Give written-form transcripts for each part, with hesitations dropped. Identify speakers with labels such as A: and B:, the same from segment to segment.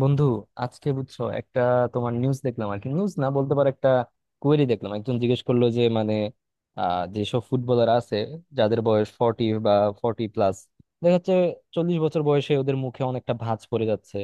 A: বন্ধু, আজকে বুঝছো একটা তোমার নিউজ দেখলাম। আর কি, নিউজ না বলতে পারো, একটা কোয়েরি দেখলাম। একজন জিজ্ঞেস করলো যে মানে যেসব ফুটবলার আছে, যাদের বয়স 40 বা 40+, দেখা যাচ্ছে 40 বছর বয়সে ওদের মুখে অনেকটা ভাঁজ পড়ে যাচ্ছে।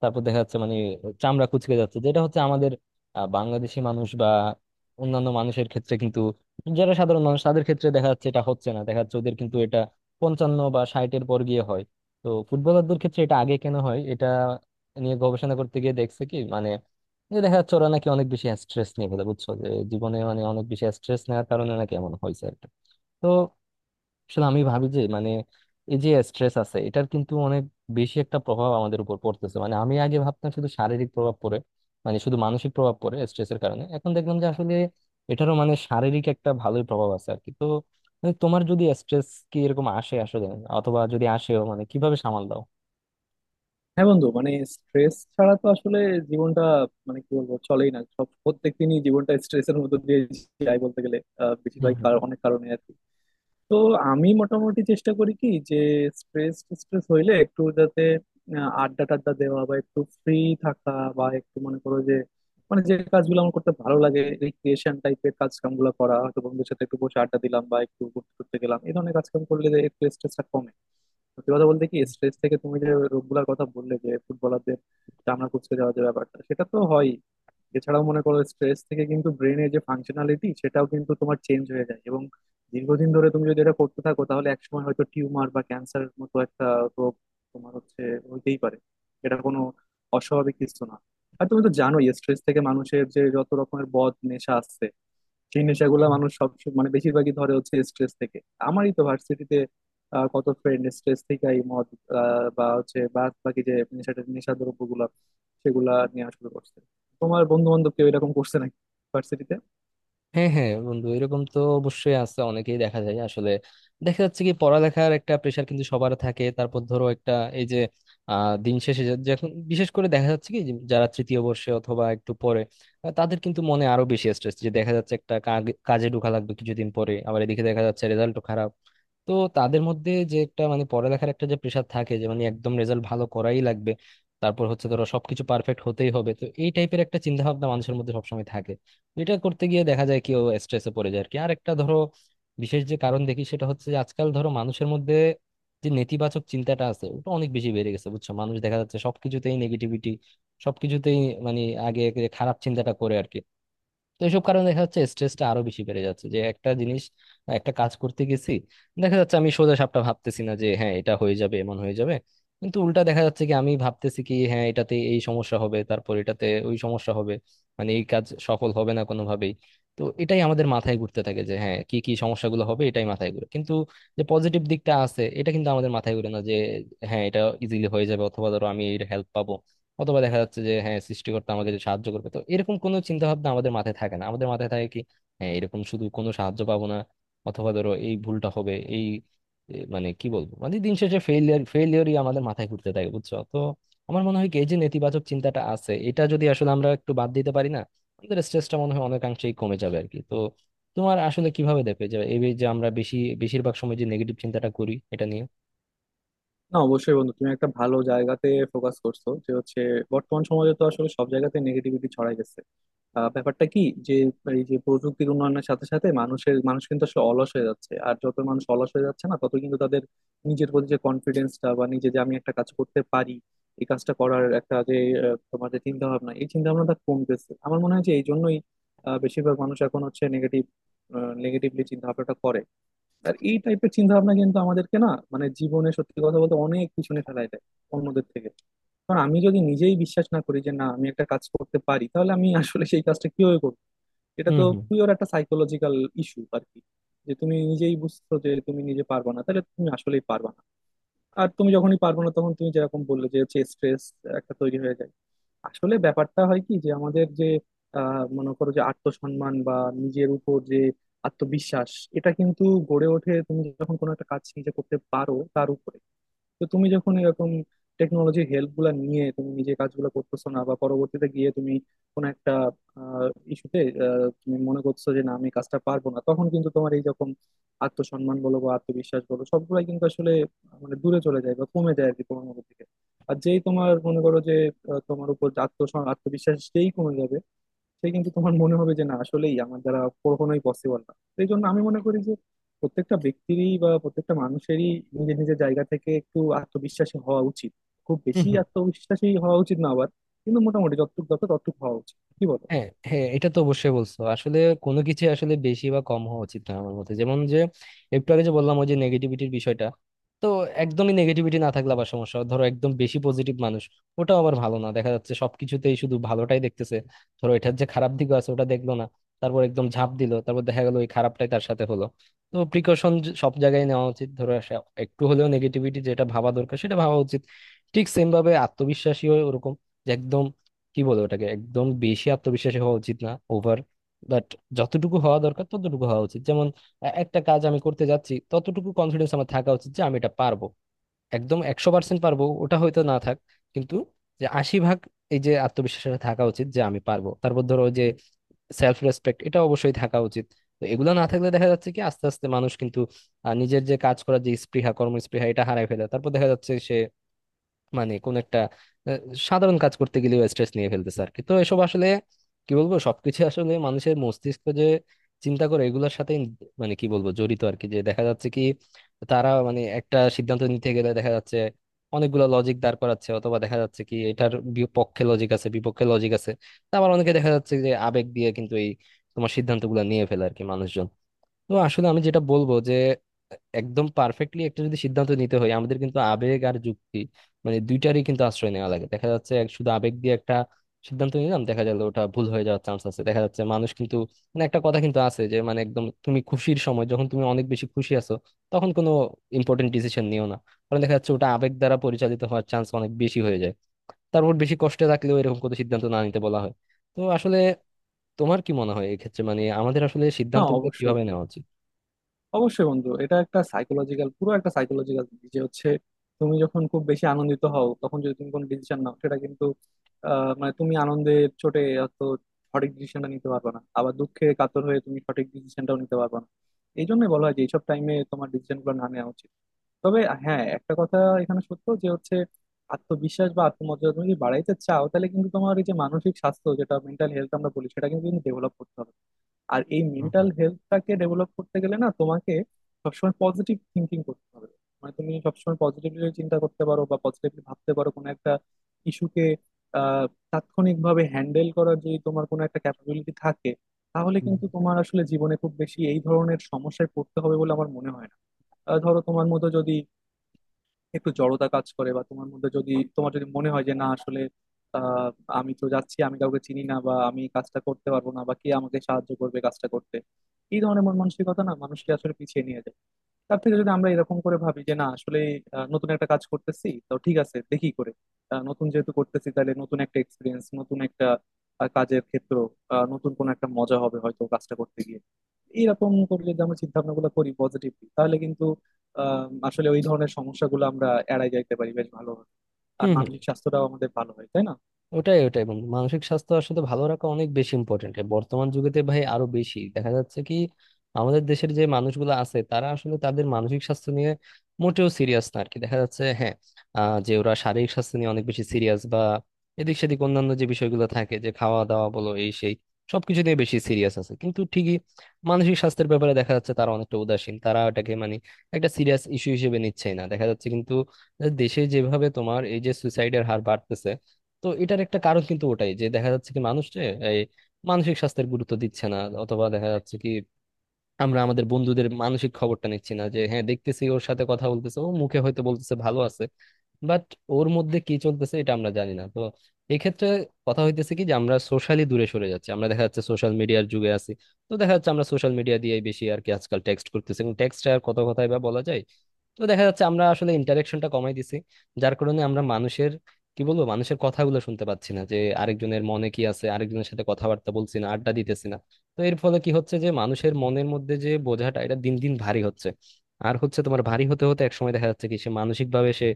A: তারপর দেখা যাচ্ছে মানে চামড়া কুচকে যাচ্ছে, যেটা হচ্ছে আমাদের বাংলাদেশি মানুষ বা অন্যান্য মানুষের ক্ষেত্রে, কিন্তু যারা সাধারণ মানুষ তাদের ক্ষেত্রে দেখা যাচ্ছে এটা হচ্ছে না। দেখা যাচ্ছে ওদের কিন্তু এটা 55 বা 60-এর পর গিয়ে হয়। তো ফুটবলারদের ক্ষেত্রে এটা আগে কেন হয়, এটা নিয়ে গবেষণা করতে গিয়ে দেখছে কি মানে, যে দেখা যাচ্ছে ওরা নাকি অনেক বেশি স্ট্রেস নিয়ে ফেলে বুঝছো, যে জীবনে মানে অনেক বেশি স্ট্রেস নেওয়ার কারণে নাকি এমন হয়েছে আর কি। তো আসলে আমি ভাবি যে মানে এই যে স্ট্রেস আছে এটার কিন্তু অনেক বেশি একটা প্রভাব আমাদের উপর পড়তেছে। মানে আমি আগে ভাবতাম শুধু শারীরিক প্রভাব পড়ে, মানে শুধু মানসিক প্রভাব পড়ে স্ট্রেসের কারণে, এখন দেখলাম যে আসলে এটারও মানে শারীরিক একটা ভালোই প্রভাব আছে আর কি। তো মানে তোমার যদি স্ট্রেস কি এরকম আসে আসলে, অথবা যদি আসেও, মানে কিভাবে সামাল দাও?
B: হ্যাঁ বন্ধু, মানে স্ট্রেস ছাড়া তো আসলে জীবনটা মানে কি বলবো, চলেই না। সব প্রত্যেক দিনই জীবনটা স্ট্রেসের মধ্যে দিয়ে যায় বলতে গেলে, বেশিরভাগ
A: হুম,
B: অনেক কারণে আর কি। তো আমি মোটামুটি চেষ্টা করি কি যে স্ট্রেস স্ট্রেস হইলে একটু যাতে আড্ডা টাড্ডা দেওয়া বা একটু ফ্রি থাকা, বা একটু মনে করো যে মানে যে কাজগুলো আমার করতে ভালো লাগে, রিক্রিয়েশন টাইপের কাজ কাম গুলো করা, হয়তো বন্ধুদের সাথে একটু বসে আড্ডা দিলাম বা একটু ঘুরতে টুরতে গেলাম, এই ধরনের কাজ কাম করলে যে একটু স্ট্রেসটা কমে। সত্যি কথা বলতে কি, স্ট্রেস থেকে তুমি যে রোগগুলোর কথা বললে, যে ফুটবলারদের চামড়া কুচকে যাওয়ার যে ব্যাপারটা, সেটা তো হয়। এছাড়াও মনে করো, স্ট্রেস থেকে কিন্তু ব্রেনের যে ফাংশনালিটি, সেটাও কিন্তু তোমার চেঞ্জ হয়ে যায়, এবং দীর্ঘদিন ধরে তুমি যদি এটা করতে থাকো তাহলে একসময় হয়তো টিউমার বা ক্যান্সারের মতো একটা রোগ তোমার হচ্ছে হইতেই পারে। এটা কোনো অস্বাভাবিক কিছু না। আর তুমি তো জানোই, স্ট্রেস থেকে মানুষের যে যত রকমের বদ নেশা আসছে, সেই নেশাগুলা
A: হুম।
B: মানুষ সব মানে বেশিরভাগই ধরে হচ্ছে স্ট্রেস থেকে। আমারই তো ভার্সিটিতে কত ফ্রেন্ড স্ট্রেস থেকেই মদ বা হচ্ছে বাদ বাকি যে নেশা নেশা দ্রব্য গুলা, সেগুলা নিয়ে আসলে করছে। তোমার বন্ধু বান্ধব কেউ এরকম করছে নাকি ভার্সিটিতে?
A: হ্যাঁ, হ্যাঁ, বন্ধু, এরকম তো অবশ্যই আছে, অনেকেই দেখা যায় আসলে। দেখা যাচ্ছে কি পড়ালেখার একটা প্রেশার কিন্তু সবার থাকে। তারপর ধরো একটা এই যে দিন শেষে যখন বিশেষ করে দেখা যাচ্ছে কি যে যারা তৃতীয় বর্ষে অথবা একটু পরে, তাদের কিন্তু মনে আরো বেশি স্ট্রেস যে দেখা যাচ্ছে, একটা কাজে ঢোকা লাগবে কিছুদিন পরে, আবার এদিকে দেখা যাচ্ছে রেজাল্টও খারাপ। তো তাদের মধ্যে যে একটা মানে পড়ালেখার একটা যে প্রেশার থাকে, যে মানে একদম রেজাল্ট ভালো করাই লাগবে, তারপর হচ্ছে ধরো সবকিছু পারফেক্ট হতেই হবে, তো এই টাইপের একটা চিন্তা ভাবনা মানুষের মধ্যে সবসময় থাকে। এটা করতে গিয়ে দেখা যায় কেউ স্ট্রেসে পড়ে যায় আর কি। আর একটা ধরো বিশেষ যে কারণ দেখি সেটা হচ্ছে যে আজকাল ধরো মানুষের মধ্যে যে নেতিবাচক চিন্তাটা আছে, ওটা অনেক বেশি বেড়ে গেছে বুঝছো। মানুষ দেখা যাচ্ছে সবকিছুতেই নেগেটিভিটি, সবকিছুতেই মানে আগে আগে খারাপ চিন্তাটা করে আর কি। তো এইসব কারণে দেখা যাচ্ছে স্ট্রেসটা আরো বেশি বেড়ে যাচ্ছে, যে একটা জিনিস, একটা কাজ করতে গেছি, দেখা যাচ্ছে আমি সোজা সাপটা ভাবতেছি না যে হ্যাঁ এটা হয়ে যাবে, এমন হয়ে যাবে। কিন্তু উল্টা দেখা যাচ্ছে কি আমি ভাবতেছি কি হ্যাঁ এটাতে এই সমস্যা হবে, তারপর এটাতে ওই সমস্যা হবে, মানে এই কাজ সফল হবে না কোনোভাবেই। তো এটাই আমাদের মাথায় ঘুরতে থাকে যে হ্যাঁ কি কি সমস্যাগুলো হবে, এটাই মাথায় ঘুরে, কিন্তু যে পজিটিভ দিকটা আছে এটা কিন্তু আমাদের মাথায় ঘুরে না, যে হ্যাঁ এটা ইজিলি হয়ে যাবে, অথবা ধরো আমি এর হেল্প পাবো, অথবা দেখা যাচ্ছে যে হ্যাঁ সৃষ্টিকর্তা আমাকে যে সাহায্য করবে, তো এরকম কোনো চিন্তা ভাবনা আমাদের মাথায় থাকে না। আমাদের মাথায় থাকে কি হ্যাঁ এরকম শুধু কোনো সাহায্য পাবো না, অথবা ধরো এই ভুলটা হবে, এই মানে কি বলবো, মানে দিন শেষে ফেলিয়ার ফেলিয়ারই আমাদের মাথায় ঘুরতে থাকে বুঝছো। তো আমার মনে হয় কি এই যে নেতিবাচক চিন্তাটা আছে, এটা যদি আসলে আমরা একটু বাদ দিতে পারি না, আমাদের স্ট্রেসটা মনে হয় অনেকাংশেই কমে যাবে আর কি। তো তোমার আসলে কিভাবে দেখবে যে এই যে আমরা বেশি, বেশিরভাগ সময় যে নেগেটিভ চিন্তাটা করি এটা নিয়ে?
B: না, অবশ্যই বন্ধু, তুমি একটা ভালো জায়গাতে ফোকাস করছো যে হচ্ছে বর্তমান সমাজে তো আসলে সব জায়গাতে নেগেটিভিটি ছড়াই গেছে। ব্যাপারটা কি যে এই যে প্রযুক্তির উন্নয়নের সাথে সাথে মানুষ কিন্তু আসলে অলস হয়ে যাচ্ছে, আর যত মানুষ অলস হয়ে যাচ্ছে না, তত কিন্তু তাদের নিজের প্রতি যে কনফিডেন্সটা বা নিজে যে আমি একটা কাজ করতে পারি, এই কাজটা করার একটা যে তোমার যে চিন্তা ভাবনা, এই চিন্তা ভাবনাটা কমতেছে। আমার মনে হয় যে এই জন্যই বেশিরভাগ মানুষ এখন হচ্ছে নেগেটিভলি চিন্তা ভাবনাটা করে। আর এই টাইপের চিন্তা ভাবনা কিন্তু আমাদেরকে না মানে জীবনে সত্যি কথা বলতে অনেক পিছনে ফেলায় দেয় অন্যদের থেকে। কারণ আমি যদি নিজেই বিশ্বাস না করি যে না, আমি একটা কাজ করতে পারি, তাহলে আমি আসলে সেই কাজটা কিভাবে করবো? এটা
A: হুম,
B: তো
A: হুম।
B: পিওর একটা সাইকোলজিক্যাল ইস্যু আর কি। যে তুমি নিজেই বুঝছো যে তুমি নিজে পারবা না, তাহলে তুমি আসলেই পারবা না। আর তুমি যখনই পারবা না, তখন তুমি যেরকম বললে যে হচ্ছে স্ট্রেস একটা তৈরি হয়ে যায়। আসলে ব্যাপারটা হয় কি যে আমাদের যে মনে করো যে আত্মসম্মান বা নিজের উপর যে আত্মবিশ্বাস, এটা কিন্তু গড়ে ওঠে তুমি যখন কোনো একটা কাজ নিজে করতে পারো তার উপরে। তো তুমি যখন এরকম টেকনোলজি হেল্প গুলা নিয়ে তুমি নিজে কাজগুলো করতেছো না, বা পরবর্তীতে গিয়ে তুমি কোনো একটা ইস্যুতে তুমি মনে করছো যে না আমি কাজটা পারবো না, তখন কিন্তু তোমার এই রকম আত্মসম্মান বলো বা আত্মবিশ্বাস বলো, সবগুলাই কিন্তু আসলে মানে দূরে চলে যায় বা কমে যায় আর কি তোমার মধ্যে থেকে। আর যেই তোমার মনে করো যে তোমার উপর আত্মবিশ্বাস যেই কমে যাবে, সেই কিন্তু তোমার মনে হবে যে না, আসলেই আমার দ্বারা কখনোই পসিবল না। সেই জন্য আমি মনে করি যে প্রত্যেকটা ব্যক্তিরই বা প্রত্যেকটা মানুষেরই নিজের নিজের জায়গা থেকে একটু আত্মবিশ্বাসী হওয়া উচিত। খুব
A: হুম,
B: বেশি
A: হুম।
B: আত্মবিশ্বাসী হওয়া উচিত না আবার, কিন্তু মোটামুটি যতটুকু দরকার ততটুকু হওয়া উচিত। কি বলো?
A: হ্যাঁ, হ্যাঁ, এটা তো অবশ্যই বলছো আসলে। কোনো কিছু আসলে বেশি বা কম হওয়া উচিত না আমার মতে, যেমন যে একটু আগে যে বললাম ওই যে নেগেটিভিটির বিষয়টা, তো একদমই নেগেটিভিটি না থাকলে আবার সমস্যা। ধরো একদম বেশি পজিটিভ মানুষ, ওটাও আবার ভালো না। দেখা যাচ্ছে সবকিছুতেই শুধু ভালোটাই দেখতেছে, ধরো এটার যে খারাপ দিকও আছে ওটা দেখলো না, তারপর একদম ঝাঁপ দিল, তারপর দেখা গেলো ওই খারাপটাই তার সাথে হলো। তো প্রিকশন সব জায়গায় নেওয়া উচিত, ধরো একটু হলেও নেগেটিভিটি যেটা ভাবা দরকার সেটা ভাবা উচিত। ঠিক সেম ভাবে আত্মবিশ্বাসীও ওরকম, যে একদম কি বলে ওটাকে, একদম বেশি আত্মবিশ্বাসী হওয়া উচিত না, ওভার, বাট যতটুকু হওয়া দরকার ততটুকু হওয়া উচিত। যেমন একটা কাজ আমি করতে যাচ্ছি, ততটুকু কনফিডেন্স আমার থাকা উচিত যে আমি এটা পারবো। একদম 100% পারবো ওটা হয়তো না থাক, কিন্তু যে 80 ভাগ, এই যে আত্মবিশ্বাসটা থাকা উচিত যে আমি পারবো। তারপর ধরো ওই যে সেলফ রেসপেক্ট, এটা অবশ্যই থাকা উচিত। তো এগুলো না থাকলে দেখা যাচ্ছে কি আস্তে আস্তে মানুষ কিন্তু নিজের যে কাজ করার যে স্পৃহা, কর্মস্পৃহা এটা হারায় ফেলে। তারপর দেখা যাচ্ছে সে মানে কোন একটা আহ, সাধারণ কাজ করতে গেলেও স্ট্রেস নিয়ে ফেলতেছে আর কি। তো এসব আসলে কি বলবো, সবকিছু আসলে মানুষের মস্তিষ্ক যে চিন্তা করে এগুলোর সাথে মানে কি বলবো জড়িত আর কি। যে দেখা যাচ্ছে কি তারা মানে একটা সিদ্ধান্ত নিতে গেলে দেখা যাচ্ছে অনেকগুলো লজিক দাঁড় করাচ্ছে, অথবা দেখা যাচ্ছে কি এটার বিপক্ষে লজিক আছে, বিপক্ষে লজিক আছে। তা আবার অনেকে দেখা যাচ্ছে যে আবেগ দিয়ে কিন্তু এই তোমার সিদ্ধান্তগুলো নিয়ে ফেলে আর কি মানুষজন। তো আসলে আমি যেটা বলবো যে একদম পারফেক্টলি একটা যদি সিদ্ধান্ত নিতে হয়, আমাদের কিন্তু আবেগ আর যুক্তি মানে দুইটারই কিন্তু আশ্রয় নেওয়া লাগে। দেখা যাচ্ছে শুধু আবেগ দিয়ে একটা সিদ্ধান্ত নিলাম, দেখা গেল ওটা ভুল হয়ে যাওয়ার চান্স আছে। দেখা যাচ্ছে মানুষ কিন্তু, মানে একটা কথা কিন্তু আছে যে মানে একদম তুমি খুশির সময় যখন তুমি অনেক বেশি খুশি আছো তখন কোনো ইম্পর্টেন্ট ডিসিশন নিও না, কারণ দেখা যাচ্ছে ওটা আবেগ দ্বারা পরিচালিত হওয়ার চান্স অনেক বেশি হয়ে যায়। তারপর বেশি কষ্টে থাকলেও এরকম কোনো সিদ্ধান্ত না নিতে বলা হয়। তো আসলে তোমার কি মনে হয় এক্ষেত্রে, মানে আমাদের আসলে
B: না,
A: সিদ্ধান্তগুলো
B: অবশ্যই,
A: কিভাবে নেওয়া উচিত?
B: বন্ধু এটা একটা সাইকোলজিক্যাল, পুরো একটা সাইকোলজিক্যাল দিক যে হচ্ছে তুমি যখন খুব বেশি আনন্দিত হও, তখন যদি তুমি কোনো ডিসিশন নাও, সেটা কিন্তু মানে তুমি আনন্দে চোটে অত সঠিক ডিসিশনটা নিতে পারবে না, আবার দুঃখে কাতর হয়ে তুমি সঠিক ডিসিশনটাও নিতে পারবে না। এই জন্য বলা হয় যে এইসব টাইমে তোমার ডিসিশন গুলো না নেওয়া উচিত। তবে হ্যাঁ, একটা কথা এখানে সত্য যে হচ্ছে আত্মবিশ্বাস বা আত্মমর্যাদা তুমি যদি বাড়াইতে চাও, তাহলে কিন্তু তোমার এই যে মানসিক স্বাস্থ্য, যেটা মেন্টাল হেলথ আমরা বলি, সেটা কিন্তু ডেভেলপ করতে হবে। আর এই মেন্টাল হেলথটাকে ডেভেলপ করতে গেলে না তোমাকে সবসময় পজিটিভ থিঙ্কিং করতে হবে। মানে তুমি সবসময় পজিটিভলি চিন্তা করতে পারো বা পজিটিভলি ভাবতে পারো কোনো একটা ইস্যুকে আহ তাৎক্ষণিকভাবে হ্যান্ডেল করার যদি তোমার কোনো একটা ক্যাপাবিলিটি থাকে, তাহলে
A: হুম,
B: কিন্তু তোমার আসলে জীবনে খুব বেশি এই ধরনের সমস্যায় পড়তে হবে বলে আমার মনে হয় না। ধরো তোমার মতো যদি একটু জড়তা কাজ করে বা তোমার মধ্যে যদি তোমার যদি মনে হয় যে না আসলে আহ, আমি তো যাচ্ছি, আমি কাউকে চিনি না, বা আমি কাজটা করতে পারবো না, বা কে আমাকে সাহায্য করবে কাজটা করতে, এই ধরনের মন মানসিকতা না মানুষকে আসলে পিছিয়ে নিয়ে যায়। তার থেকে যদি আমরা এরকম করে ভাবি যে না আসলে নতুন একটা কাজ করতেছি তো ঠিক আছে দেখি করে, নতুন যেহেতু করতেছি তাহলে নতুন একটা এক্সপিরিয়েন্স, নতুন একটা কাজের ক্ষেত্র, নতুন কোনো একটা মজা হবে হয়তো কাজটা করতে গিয়ে, এরকম করে যদি আমরা চিন্তা ভাবনা গুলো করি পজিটিভলি, তাহলে কিন্তু আসলে ওই ধরনের সমস্যাগুলো আমরা এড়াই যাইতে পারি বেশ ভালো, আর
A: হুম।
B: মানসিক স্বাস্থ্যটাও আমাদের ভালো হয়। তাই না?
A: ওটাই, ওটাই বন্ধু, মানসিক স্বাস্থ্য আসলে ভালো রাখা অনেক বেশি ইম্পর্টেন্ট বর্তমান যুগেতে ভাই। আরো বেশি দেখা যাচ্ছে কি আমাদের দেশের যে মানুষগুলো আছে তারা আসলে তাদের মানসিক স্বাস্থ্য নিয়ে মোটেও সিরিয়াস না আর কি। দেখা যাচ্ছে হ্যাঁ যে ওরা শারীরিক স্বাস্থ্য নিয়ে অনেক বেশি সিরিয়াস বা এদিক সেদিক অন্যান্য যে বিষয়গুলো থাকে, যে খাওয়া দাওয়া বলো, এই সেই সবকিছু নিয়ে বেশি সিরিয়াস আছে, কিন্তু ঠিকই মানসিক স্বাস্থ্যের ব্যাপারে দেখা যাচ্ছে তারা অনেকটা উদাসীন। তারা এটাকে মানে একটা সিরিয়াস ইস্যু হিসেবে নিচ্ছেই না, দেখা যাচ্ছে কিন্তু দেশে যেভাবে তোমার এই যে সুইসাইডের হার বাড়তেছে। তো এটার একটা কারণ কিন্তু ওটাই, যে দেখা যাচ্ছে কি মানুষ যে এই মানসিক স্বাস্থ্যের গুরুত্ব দিচ্ছে না, অথবা দেখা যাচ্ছে কি আমরা আমাদের বন্ধুদের মানসিক খবরটা নিচ্ছি না। যে হ্যাঁ দেখতেছি ওর সাথে কথা বলতেছে, ও মুখে হয়তো বলতেছে ভালো আছে, বাট ওর মধ্যে কি চলতেছে এটা আমরা জানি না। তো এক্ষেত্রে কথা হইতেছে কি যে আমরা সোশ্যালি দূরে সরে যাচ্ছি। আমরা দেখা যাচ্ছে সোশ্যাল মিডিয়ার যুগে আছি, তো দেখা যাচ্ছে আমরা সোশ্যাল মিডিয়া দিয়ে বেশি আর কি আজকাল টেক্সট করতেছি, এবং টেক্সটে আর কত কথাই বা বলা যায়। তো দেখা যাচ্ছে আমরা আসলে ইন্টারাকশনটা কমাই দিছি, যার কারণে আমরা মানুষের কি বলবো মানুষের কথাগুলো শুনতে পাচ্ছি না, যে আরেকজনের মনে কি আছে, আরেকজনের সাথে কথাবার্তা বলছি না, আড্ডা দিতেছি না। তো এর ফলে কি হচ্ছে যে মানুষের মনের মধ্যে যে বোঝাটা এটা দিন দিন ভারী হচ্ছে, আর হচ্ছে তোমার ভারী হতে হতে একসময় দেখা যাচ্ছে কি সে মানসিক ভাবে সে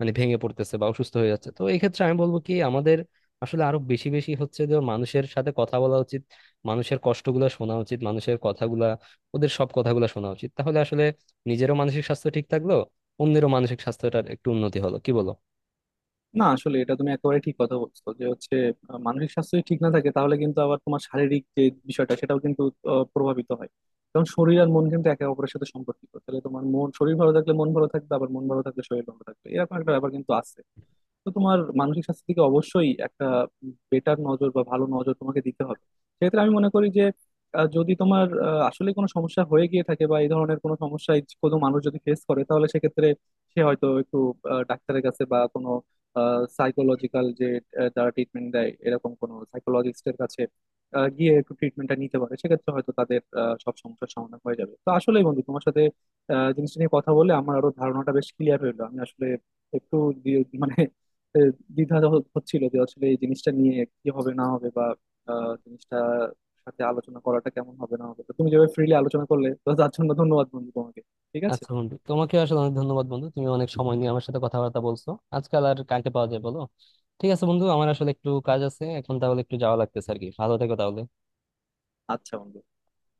A: মানে ভেঙে পড়তেছে বা অসুস্থ হয়ে যাচ্ছে। তো এই ক্ষেত্রে আমি বলবো কি আমাদের আসলে আরো বেশি বেশি হচ্ছে যে মানুষের সাথে কথা বলা উচিত। মানুষের কষ্টগুলা শোনা উচিত, মানুষের কথাগুলা, ওদের সব কথাগুলা শোনা উচিত, তাহলে আসলে নিজেরও মানসিক স্বাস্থ্য ঠিক থাকলো, অন্যেরও মানসিক স্বাস্থ্যটার একটু উন্নতি হলো, কি বলো?
B: না, আসলে এটা তুমি একেবারে ঠিক কথা বলছো যে হচ্ছে মানসিক স্বাস্থ্য যদি ঠিক না থাকে, তাহলে কিন্তু আবার তোমার শারীরিক যে বিষয়টা, সেটাও কিন্তু প্রভাবিত হয়। কারণ শরীর আর মন কিন্তু একে অপরের সাথে সম্পর্কিত। তাহলে তোমার শরীর ভালো থাকলে মন ভালো থাকবে, আবার মন ভালো থাকলে শরীর ভালো থাকবে, এরকম একটা ব্যাপার কিন্তু আছে। তো তোমার মানসিক স্বাস্থ্যের দিকে অবশ্যই একটা বেটার নজর বা ভালো নজর তোমাকে দিতে হবে। সেক্ষেত্রে আমি মনে করি যে যদি তোমার আসলে কোনো সমস্যা হয়ে গিয়ে থাকে বা এই ধরনের কোনো সমস্যায় কোনো মানুষ যদি ফেস করে, তাহলে সেক্ষেত্রে সে হয়তো একটু ডাক্তারের কাছে বা কোনো সাইকোলজিক্যাল যে যারা ট্রিটমেন্ট দেয়, এরকম কোনো সাইকোলজিস্টের কাছে গিয়ে একটু ট্রিটমেন্টটা নিতে পারে। সেক্ষেত্রে হয়তো তাদের সব সমস্যার সমাধান হয়ে যাবে। তো আসলেই বন্ধু, তোমার সাথে জিনিসটা নিয়ে কথা বলে আমার আরো ধারণাটা বেশ ক্লিয়ার হলো। আমি আসলে একটু দি- মানে এ, দ্বিধা হচ্ছিল যে আসলে এই জিনিসটা নিয়ে কি হবে না হবে, বা জিনিসটা সাথে আলোচনা করাটা কেমন হবে না হবে। তো তুমি যেভাবে ফ্রিলি আলোচনা করলে, তো তার জন্য ধন্যবাদ বন্ধু তোমাকে। ঠিক আছে।
A: আচ্ছা বন্ধু, তোমাকে আসলে অনেক ধন্যবাদ বন্ধু, তুমি অনেক সময় নিয়ে আমার সাথে কথাবার্তা বলছো। আজকাল আর কাকে পাওয়া যায় বলো। ঠিক আছে বন্ধু, আমার আসলে একটু কাজ আছে এখন, তাহলে একটু যাওয়া লাগতেছে আর কি। ভালো থেকো তাহলে।
B: আচ্ছা বন্ধু।